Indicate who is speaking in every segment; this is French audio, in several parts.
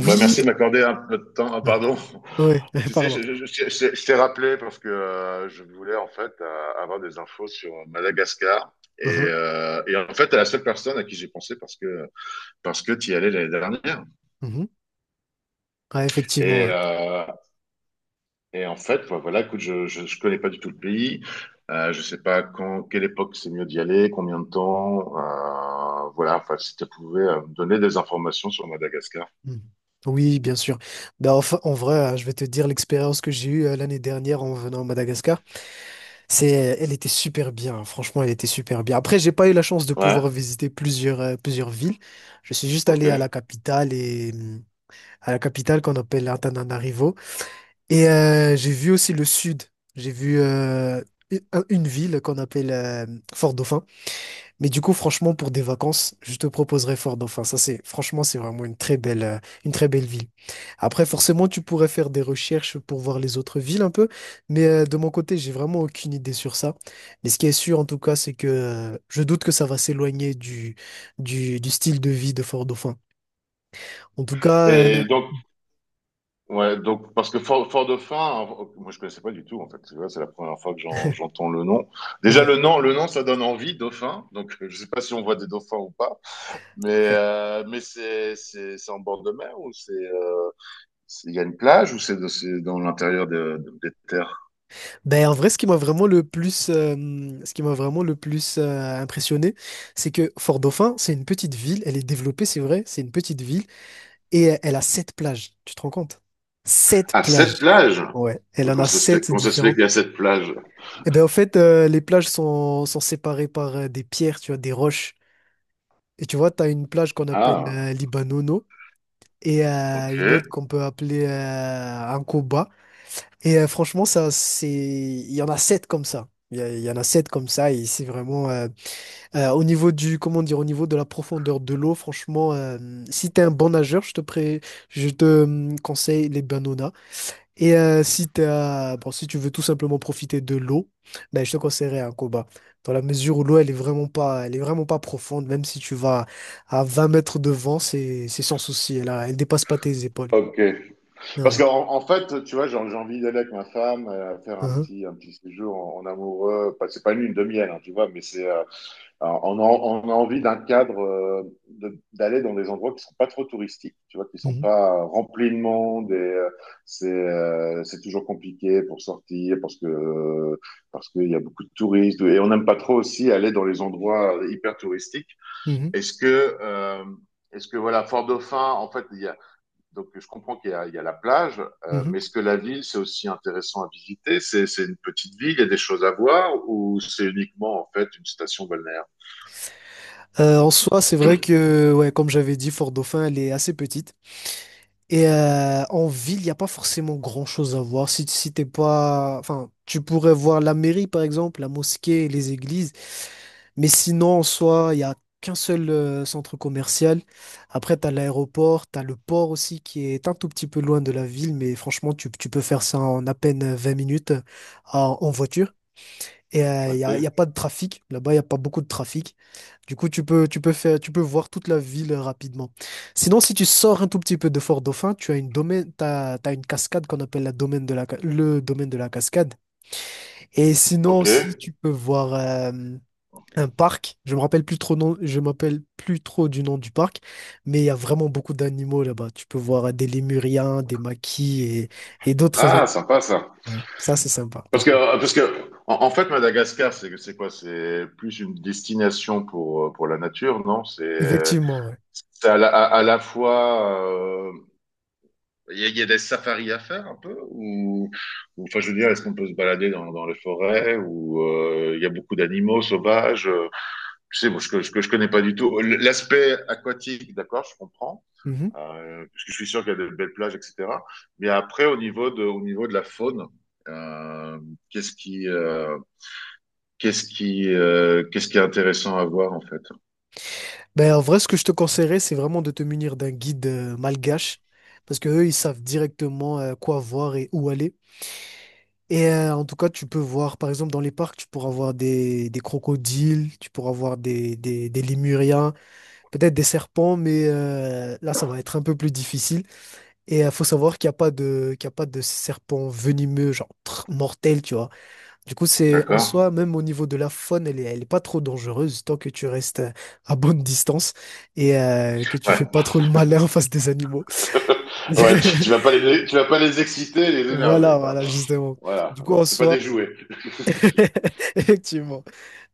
Speaker 1: Ouais, merci de m'accorder un peu de temps. Ah, pardon.
Speaker 2: oui,
Speaker 1: Tu sais,
Speaker 2: pardon.
Speaker 1: je t'ai rappelé parce que je voulais en fait avoir des infos sur Madagascar. Et,
Speaker 2: Mhm,
Speaker 1: euh, et en fait, t'es la seule personne à qui j'ai pensé parce que t'y allais l'année dernière.
Speaker 2: mhm. Ouais, effectivement,
Speaker 1: Et,
Speaker 2: ouais.
Speaker 1: euh, et en fait, bah, voilà, écoute, je connais pas du tout le pays. Je sais pas quand, quelle époque c'est mieux d'y aller, combien de temps. Voilà, enfin, si tu pouvais me donner des informations sur Madagascar.
Speaker 2: Mhm. Oui, bien sûr. Ben, enfin, en vrai, je vais te dire l'expérience que j'ai eue l'année dernière en venant à Madagascar. Elle était super bien, hein. Franchement, elle était super bien. Après, j'ai pas eu la chance de
Speaker 1: Ouais,
Speaker 2: pouvoir visiter plusieurs villes. Je suis juste allé à la
Speaker 1: ok.
Speaker 2: capitale et hum, à la capitale qu'on appelle Antananarivo. Et j'ai vu aussi le sud. J'ai vu une une ville qu'on appelle Fort-Dauphin. Mais du coup, franchement, pour des vacances, je te proposerais Fort Dauphin. Ça, c'est, franchement, c'est vraiment une très belle ville. Après, forcément, tu pourrais faire des recherches pour voir les autres villes un peu, mais de mon côté, j'ai vraiment aucune idée sur ça. Mais ce qui est sûr, en tout cas, c'est que je doute que ça va s'éloigner du style de vie de Fort Dauphin. En tout cas,
Speaker 1: Et donc, ouais, donc parce que Fort Dauphin, moi je connaissais pas du tout en fait. Tu vois, c'est la première fois que j'entends le nom. Déjà
Speaker 2: ouais,
Speaker 1: le nom ça donne envie, Dauphin. Donc je sais pas si on voit des dauphins ou pas, mais
Speaker 2: ouais.
Speaker 1: mais c'est en bord de mer ou il y a une plage ou c'est dans l'intérieur des terres.
Speaker 2: Ben, en vrai, ce qui m'a vraiment le plus impressionné, c'est que Fort Dauphin, c'est une petite ville. Elle est développée, c'est vrai, c'est une petite ville. Et elle a sept plages, tu te rends compte? Sept
Speaker 1: Ah, cette
Speaker 2: plages.
Speaker 1: plage.
Speaker 2: Ouais, elle en a sept
Speaker 1: Comment ça se fait
Speaker 2: différentes.
Speaker 1: qu'il y a cette plage?
Speaker 2: Et ben en fait, les plages sont séparées par des pierres, tu vois, des roches. Et tu vois, tu as une plage qu'on appelle
Speaker 1: Ah,
Speaker 2: Libanono et
Speaker 1: ok,
Speaker 2: une autre qu'on peut appeler Ankoba. Et franchement, ça, c'est... Il y en a sept comme ça. Il y en a sept comme ça et c'est vraiment au niveau du, comment dire, au niveau de la profondeur de l'eau, franchement, si t'es un bon nageur je te conseille les. Et si t'as- bon, si tu veux tout simplement profiter de l'eau, ben, je te conseillerais un combat. Dans la mesure où l'eau, elle est vraiment pas, elle est vraiment pas profonde, même si tu vas à 20 mètres de vent, c'est sans souci. Elle dépasse pas tes épaules.
Speaker 1: ok. Parce
Speaker 2: Ouais.
Speaker 1: qu'en En fait, tu vois, j'ai envie d'aller avec ma femme, faire
Speaker 2: Hein,
Speaker 1: un petit séjour en amoureux. C'est pas une lune de miel, hein, tu vois, mais c'est, on a envie d'un cadre, d'aller dans des endroits qui sont pas trop touristiques, tu vois, qui sont
Speaker 2: hein,
Speaker 1: pas remplis de monde et c'est toujours compliqué pour sortir parce que, parce qu'il y a beaucoup de touristes et on n'aime pas trop aussi aller dans les endroits hyper touristiques.
Speaker 2: mhm,
Speaker 1: Est-ce que, euh, Est-ce que voilà, Fort-Dauphin, en fait, il y a donc, je comprends il y a la plage,
Speaker 2: mhm,
Speaker 1: mais
Speaker 2: mhm.
Speaker 1: est-ce que la ville, c'est aussi intéressant à visiter? C'est une petite ville, il y a des choses à voir, ou c'est uniquement, en fait, une station balnéaire?
Speaker 2: En soi, c'est vrai que, ouais, comme j'avais dit, Fort Dauphin, elle est assez petite. Et en ville, il n'y a pas forcément grand-chose à voir. Si t'es pas... Enfin, tu pourrais voir la mairie, par exemple, la mosquée, les églises. Mais sinon, en soi, il n'y a qu'un seul centre commercial. Après, tu as l'aéroport, tu as le port aussi qui est un tout petit peu loin de la ville. Mais franchement, tu peux faire ça en à peine 20 minutes en voiture. Et il n'y
Speaker 1: Ok.
Speaker 2: a, y a pas de trafic. Là-bas, il n'y a pas beaucoup de trafic. Du coup, tu peux voir toute la ville rapidement. Sinon, si tu sors un tout petit peu de Fort-Dauphin, tu as une domaine, t'as une cascade qu'on appelle la domaine de la, ca- le domaine de la cascade. Et sinon
Speaker 1: Ok.
Speaker 2: aussi, tu peux voir un parc. Je m'appelle plus trop du nom du parc, mais il y a vraiment beaucoup d'animaux là-bas. Tu peux voir des lémuriens, des maquis et d'autres.
Speaker 1: Ah, sympa ça.
Speaker 2: Ouais, ça c'est sympa
Speaker 1: Parce
Speaker 2: par
Speaker 1: que,
Speaker 2: contre.
Speaker 1: parce que en fait, Madagascar, c'est quoi? C'est plus une destination pour la nature, non?
Speaker 2: Effectivement, ouais.
Speaker 1: C'est à la fois. Il y a des safaris à faire un peu? Ou, enfin, je veux dire, est-ce qu'on peut se balader dans les forêts? Ou il y a beaucoup d'animaux sauvages? Je sais, bon, je connais pas du tout. L'aspect aquatique, d'accord, je comprends.
Speaker 2: Mhm.
Speaker 1: Parce que je suis sûr qu'il y a de belles plages, etc. Mais après, au niveau de la faune, euh, qu'est-ce qui, euh, qu'est-ce qui est intéressant à voir en fait.
Speaker 2: Ben, en vrai, ce que je te conseillerais, c'est vraiment de te munir d'un guide malgache, parce que eux, ils savent directement quoi voir et où aller. Et en tout cas, tu peux voir, par exemple, dans les parcs, tu pourras voir des crocodiles, tu pourras voir des lémuriens, peut-être des serpents, mais là, ça va être un peu plus difficile. Et il faut savoir qu'il n'y a pas de, qu'il y a pas de serpents venimeux, genre mortels, tu vois. Du coup, c'est en
Speaker 1: D'accord.
Speaker 2: soi, même au niveau de la faune, elle est pas trop dangereuse tant que tu restes à bonne distance et que tu fais
Speaker 1: Ouais.
Speaker 2: pas trop le malin en face des animaux.
Speaker 1: Ouais. Tu vas pas les, tu vas pas les exciter, les énerver,
Speaker 2: Voilà,
Speaker 1: quoi.
Speaker 2: voilà, justement.
Speaker 1: Voilà.
Speaker 2: Du coup, en
Speaker 1: C'est pas
Speaker 2: soi.
Speaker 1: des jouets.
Speaker 2: Effectivement.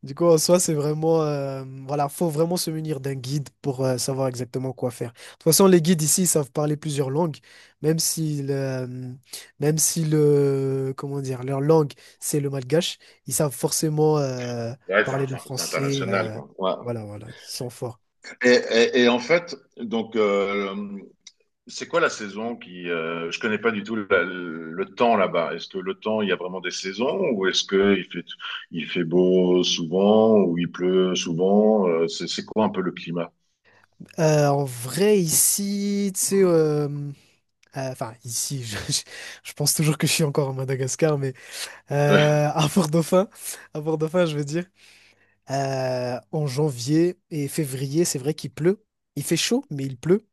Speaker 2: Du coup, en soi, c'est vraiment, voilà, faut vraiment se munir d'un guide pour savoir exactement quoi faire. De toute façon, les guides ici ils savent parler plusieurs langues, même si le, euh, même si le, comment dire, leur langue, c'est le malgache, ils savent forcément
Speaker 1: Ouais,
Speaker 2: parler le
Speaker 1: c'est
Speaker 2: français.
Speaker 1: international,
Speaker 2: euh,
Speaker 1: quoi. Ouais.
Speaker 2: voilà, voilà, ils sont forts.
Speaker 1: Et en fait, donc c'est quoi la saison qui... je connais pas du tout le temps là-bas. Est-ce que le temps, il y a vraiment des saisons ou est-ce que il fait beau souvent ou il pleut souvent? C'est quoi un peu le climat?
Speaker 2: En vrai, ici, tu sais, enfin, ici, je pense toujours que je suis encore à Madagascar, mais
Speaker 1: Ouais,
Speaker 2: euh, à Port-Dauphin, à Port-Dauphin, je veux dire. En janvier et février, c'est vrai qu'il pleut. Il fait chaud, mais il pleut.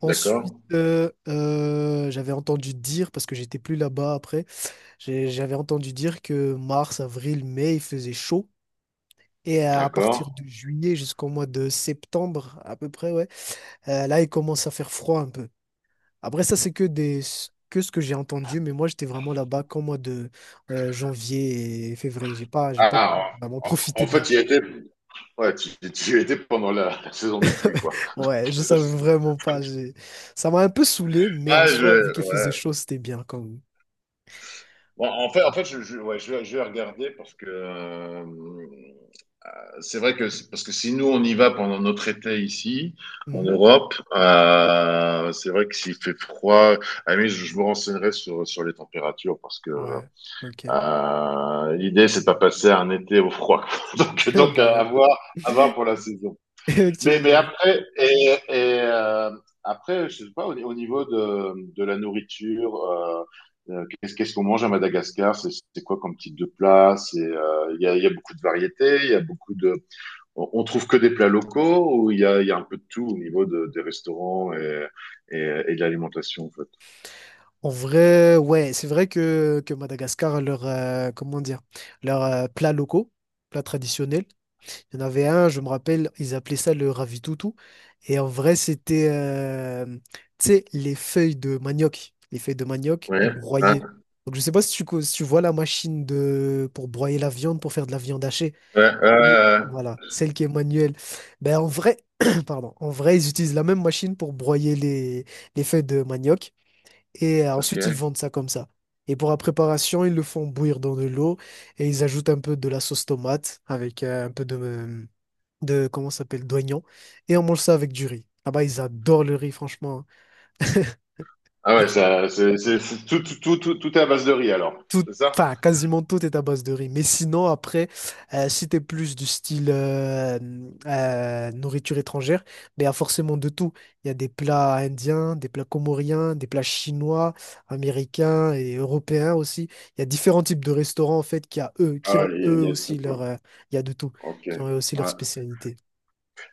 Speaker 2: Ensuite,
Speaker 1: d'accord,
Speaker 2: j'avais entendu dire, parce que j'étais plus là-bas après, j'avais entendu dire que mars, avril, mai, il faisait chaud. Et à
Speaker 1: d'accord.
Speaker 2: partir de juillet jusqu'au mois de septembre, à peu près, ouais, là, il commence à faire froid un peu. Après, ça, c'est que ce que j'ai entendu, mais moi, j'étais vraiment là-bas qu'au mois de janvier et février. J'ai pas
Speaker 1: Ah,
Speaker 2: vraiment
Speaker 1: en
Speaker 2: profité de la
Speaker 1: fait, il y a
Speaker 2: plage.
Speaker 1: été... Ouais, tu y étais pendant la saison des pluies, quoi.
Speaker 2: Ouais, je savais vraiment pas. Ça m'a un peu saoulé, mais en
Speaker 1: Ah, je,
Speaker 2: soi, vu qu'il faisait
Speaker 1: ouais.
Speaker 2: chaud, c'était bien quand même.
Speaker 1: Bon, en fait, ouais, je vais regarder parce que c'est vrai que parce que si nous on y va pendant notre été ici en
Speaker 2: Mhm.
Speaker 1: Europe, c'est vrai que s'il fait froid, ah, oui, je me renseignerai sur les températures parce que
Speaker 2: Ouais, ok.
Speaker 1: l'idée c'est pas passer un été au froid. donc donc
Speaker 2: Bah oui.
Speaker 1: à voir pour la saison. Mais
Speaker 2: Effectivement, ouais.
Speaker 1: après après je sais pas au niveau de la nourriture. Qu'est-ce qu'on mange à Madagascar. C'est quoi comme type de plat. C'est il y a beaucoup de variétés, il y a beaucoup de on trouve que des plats locaux ou il y a un peu de tout au niveau des restaurants et de l'alimentation, en fait?
Speaker 2: En vrai, ouais, c'est vrai que Madagascar, leur, comment dire, leurs plats locaux, plats traditionnels. Il y en avait un, je me rappelle, ils appelaient ça le ravitoutou. Et en vrai, c'était, tu sais, les feuilles de manioc, les feuilles de manioc
Speaker 1: Ouais, ouais,
Speaker 2: broyées. Donc, je sais pas si si tu vois la machine pour broyer la viande, pour faire de la viande hachée.
Speaker 1: ouais, ouais, ouais,
Speaker 2: Et
Speaker 1: ouais.
Speaker 2: voilà, celle qui est manuelle. Ben, en vrai, pardon, en vrai, ils utilisent la même machine pour broyer les feuilles de manioc. Et ensuite, ils
Speaker 1: Ok.
Speaker 2: vendent ça comme ça. Et pour la préparation, ils le font bouillir dans de l'eau et ils ajoutent un peu de la sauce tomate avec un peu de, comment ça s'appelle, d'oignons, et on mange ça avec du riz. Là-bas, ils adorent le riz, franchement.
Speaker 1: Ah ouais, ça, c'est tout est à base de riz, alors.
Speaker 2: Tout,
Speaker 1: C'est ça?
Speaker 2: enfin, quasiment tout est à base de riz. Mais sinon, après, si t'es plus du style nourriture étrangère, mais il y a forcément de tout. Il y a des plats indiens, des plats comoriens, des plats chinois, américains et européens aussi. Il y a différents types de restaurants, en fait, qui
Speaker 1: Ah,
Speaker 2: ont
Speaker 1: il
Speaker 2: eux
Speaker 1: y a tout,
Speaker 2: aussi
Speaker 1: quoi.
Speaker 2: leur, il y a de tout,
Speaker 1: Ok.
Speaker 2: qui ont eux aussi leur
Speaker 1: Ouais.
Speaker 2: spécialité.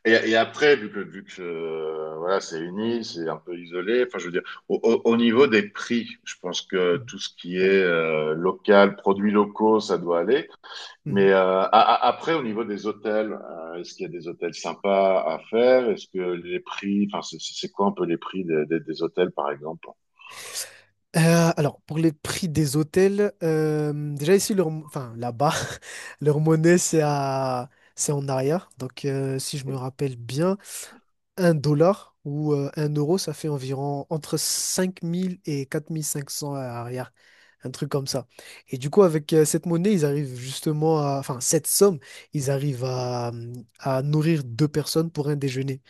Speaker 1: Et après, vu que voilà, c'est un peu isolé, enfin, je veux dire, au niveau des prix, je pense que tout ce qui est local, produits locaux, ça doit aller.
Speaker 2: Mhm.
Speaker 1: Mais après, au niveau des hôtels, est-ce qu'il y a des hôtels sympas à faire? Est-ce que les prix, enfin, c'est quoi un peu les prix des hôtels, par exemple?
Speaker 2: Alors, pour les prix des hôtels, déjà ici, leur, enfin là-bas, leur monnaie, c'est en arrière. Donc, si je me rappelle bien, un dollar ou un euro, ça fait environ entre 5 000 et 4 500 à arrière. Un truc comme ça. Et du coup, avec cette monnaie, ils arrivent justement à, enfin, cette somme, ils arrivent à nourrir deux personnes pour un déjeuner.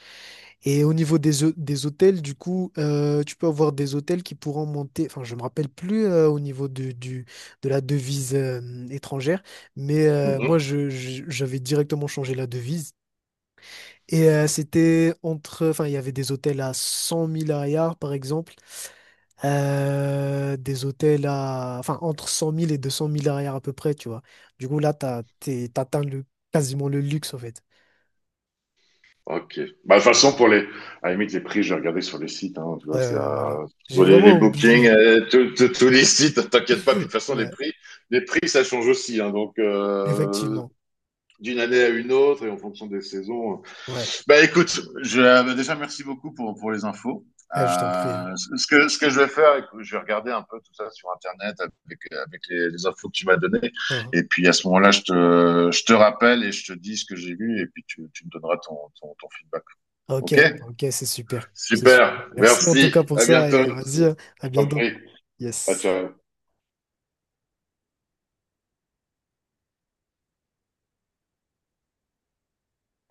Speaker 2: Et au niveau des, des hôtels, du coup, tu peux avoir des hôtels qui pourront monter, enfin je me rappelle plus au niveau de la devise étrangère, mais moi je, j'avais directement changé la devise. Et c'était entre, enfin il y avait des hôtels à 100 000 arrières par exemple, des hôtels à, enfin entre 100 000 et 200 000 arrières à peu près, tu vois. Du coup là, t'atteins le, quasiment le luxe en fait.
Speaker 1: Ok. Bah, de toute façon, à la limite, les prix, je vais regarder sur les sites, hein, tu
Speaker 2: Ouais,
Speaker 1: vois, c'est,
Speaker 2: ouais, voilà. J'ai vraiment
Speaker 1: les bookings,
Speaker 2: oublié.
Speaker 1: tous les sites, t'inquiète pas. Puis de toute façon,
Speaker 2: Ouais,
Speaker 1: les prix, ça change aussi, hein, donc,
Speaker 2: effectivement.
Speaker 1: d'une année à une autre et en fonction des saisons.
Speaker 2: Ouais.
Speaker 1: Bah, écoute, je, déjà, merci beaucoup pour les infos.
Speaker 2: Ah, je t'en prie, hein.
Speaker 1: Ce que je vais faire, écoute, je vais regarder un peu tout ça sur Internet avec, avec les infos que tu m'as données.
Speaker 2: Ah,
Speaker 1: Et puis, à ce moment-là, je te rappelle et je te dis ce que j'ai vu et puis tu me donneras ton feedback.
Speaker 2: ah, ok,
Speaker 1: OK?
Speaker 2: ok, c'est super. C'est super.
Speaker 1: Super.
Speaker 2: Merci en tout cas
Speaker 1: Merci.
Speaker 2: pour
Speaker 1: À
Speaker 2: ça
Speaker 1: bientôt.
Speaker 2: et vas-y, hein, à
Speaker 1: Je t'en
Speaker 2: bientôt.
Speaker 1: prie. Ciao,
Speaker 2: Yes.
Speaker 1: ciao.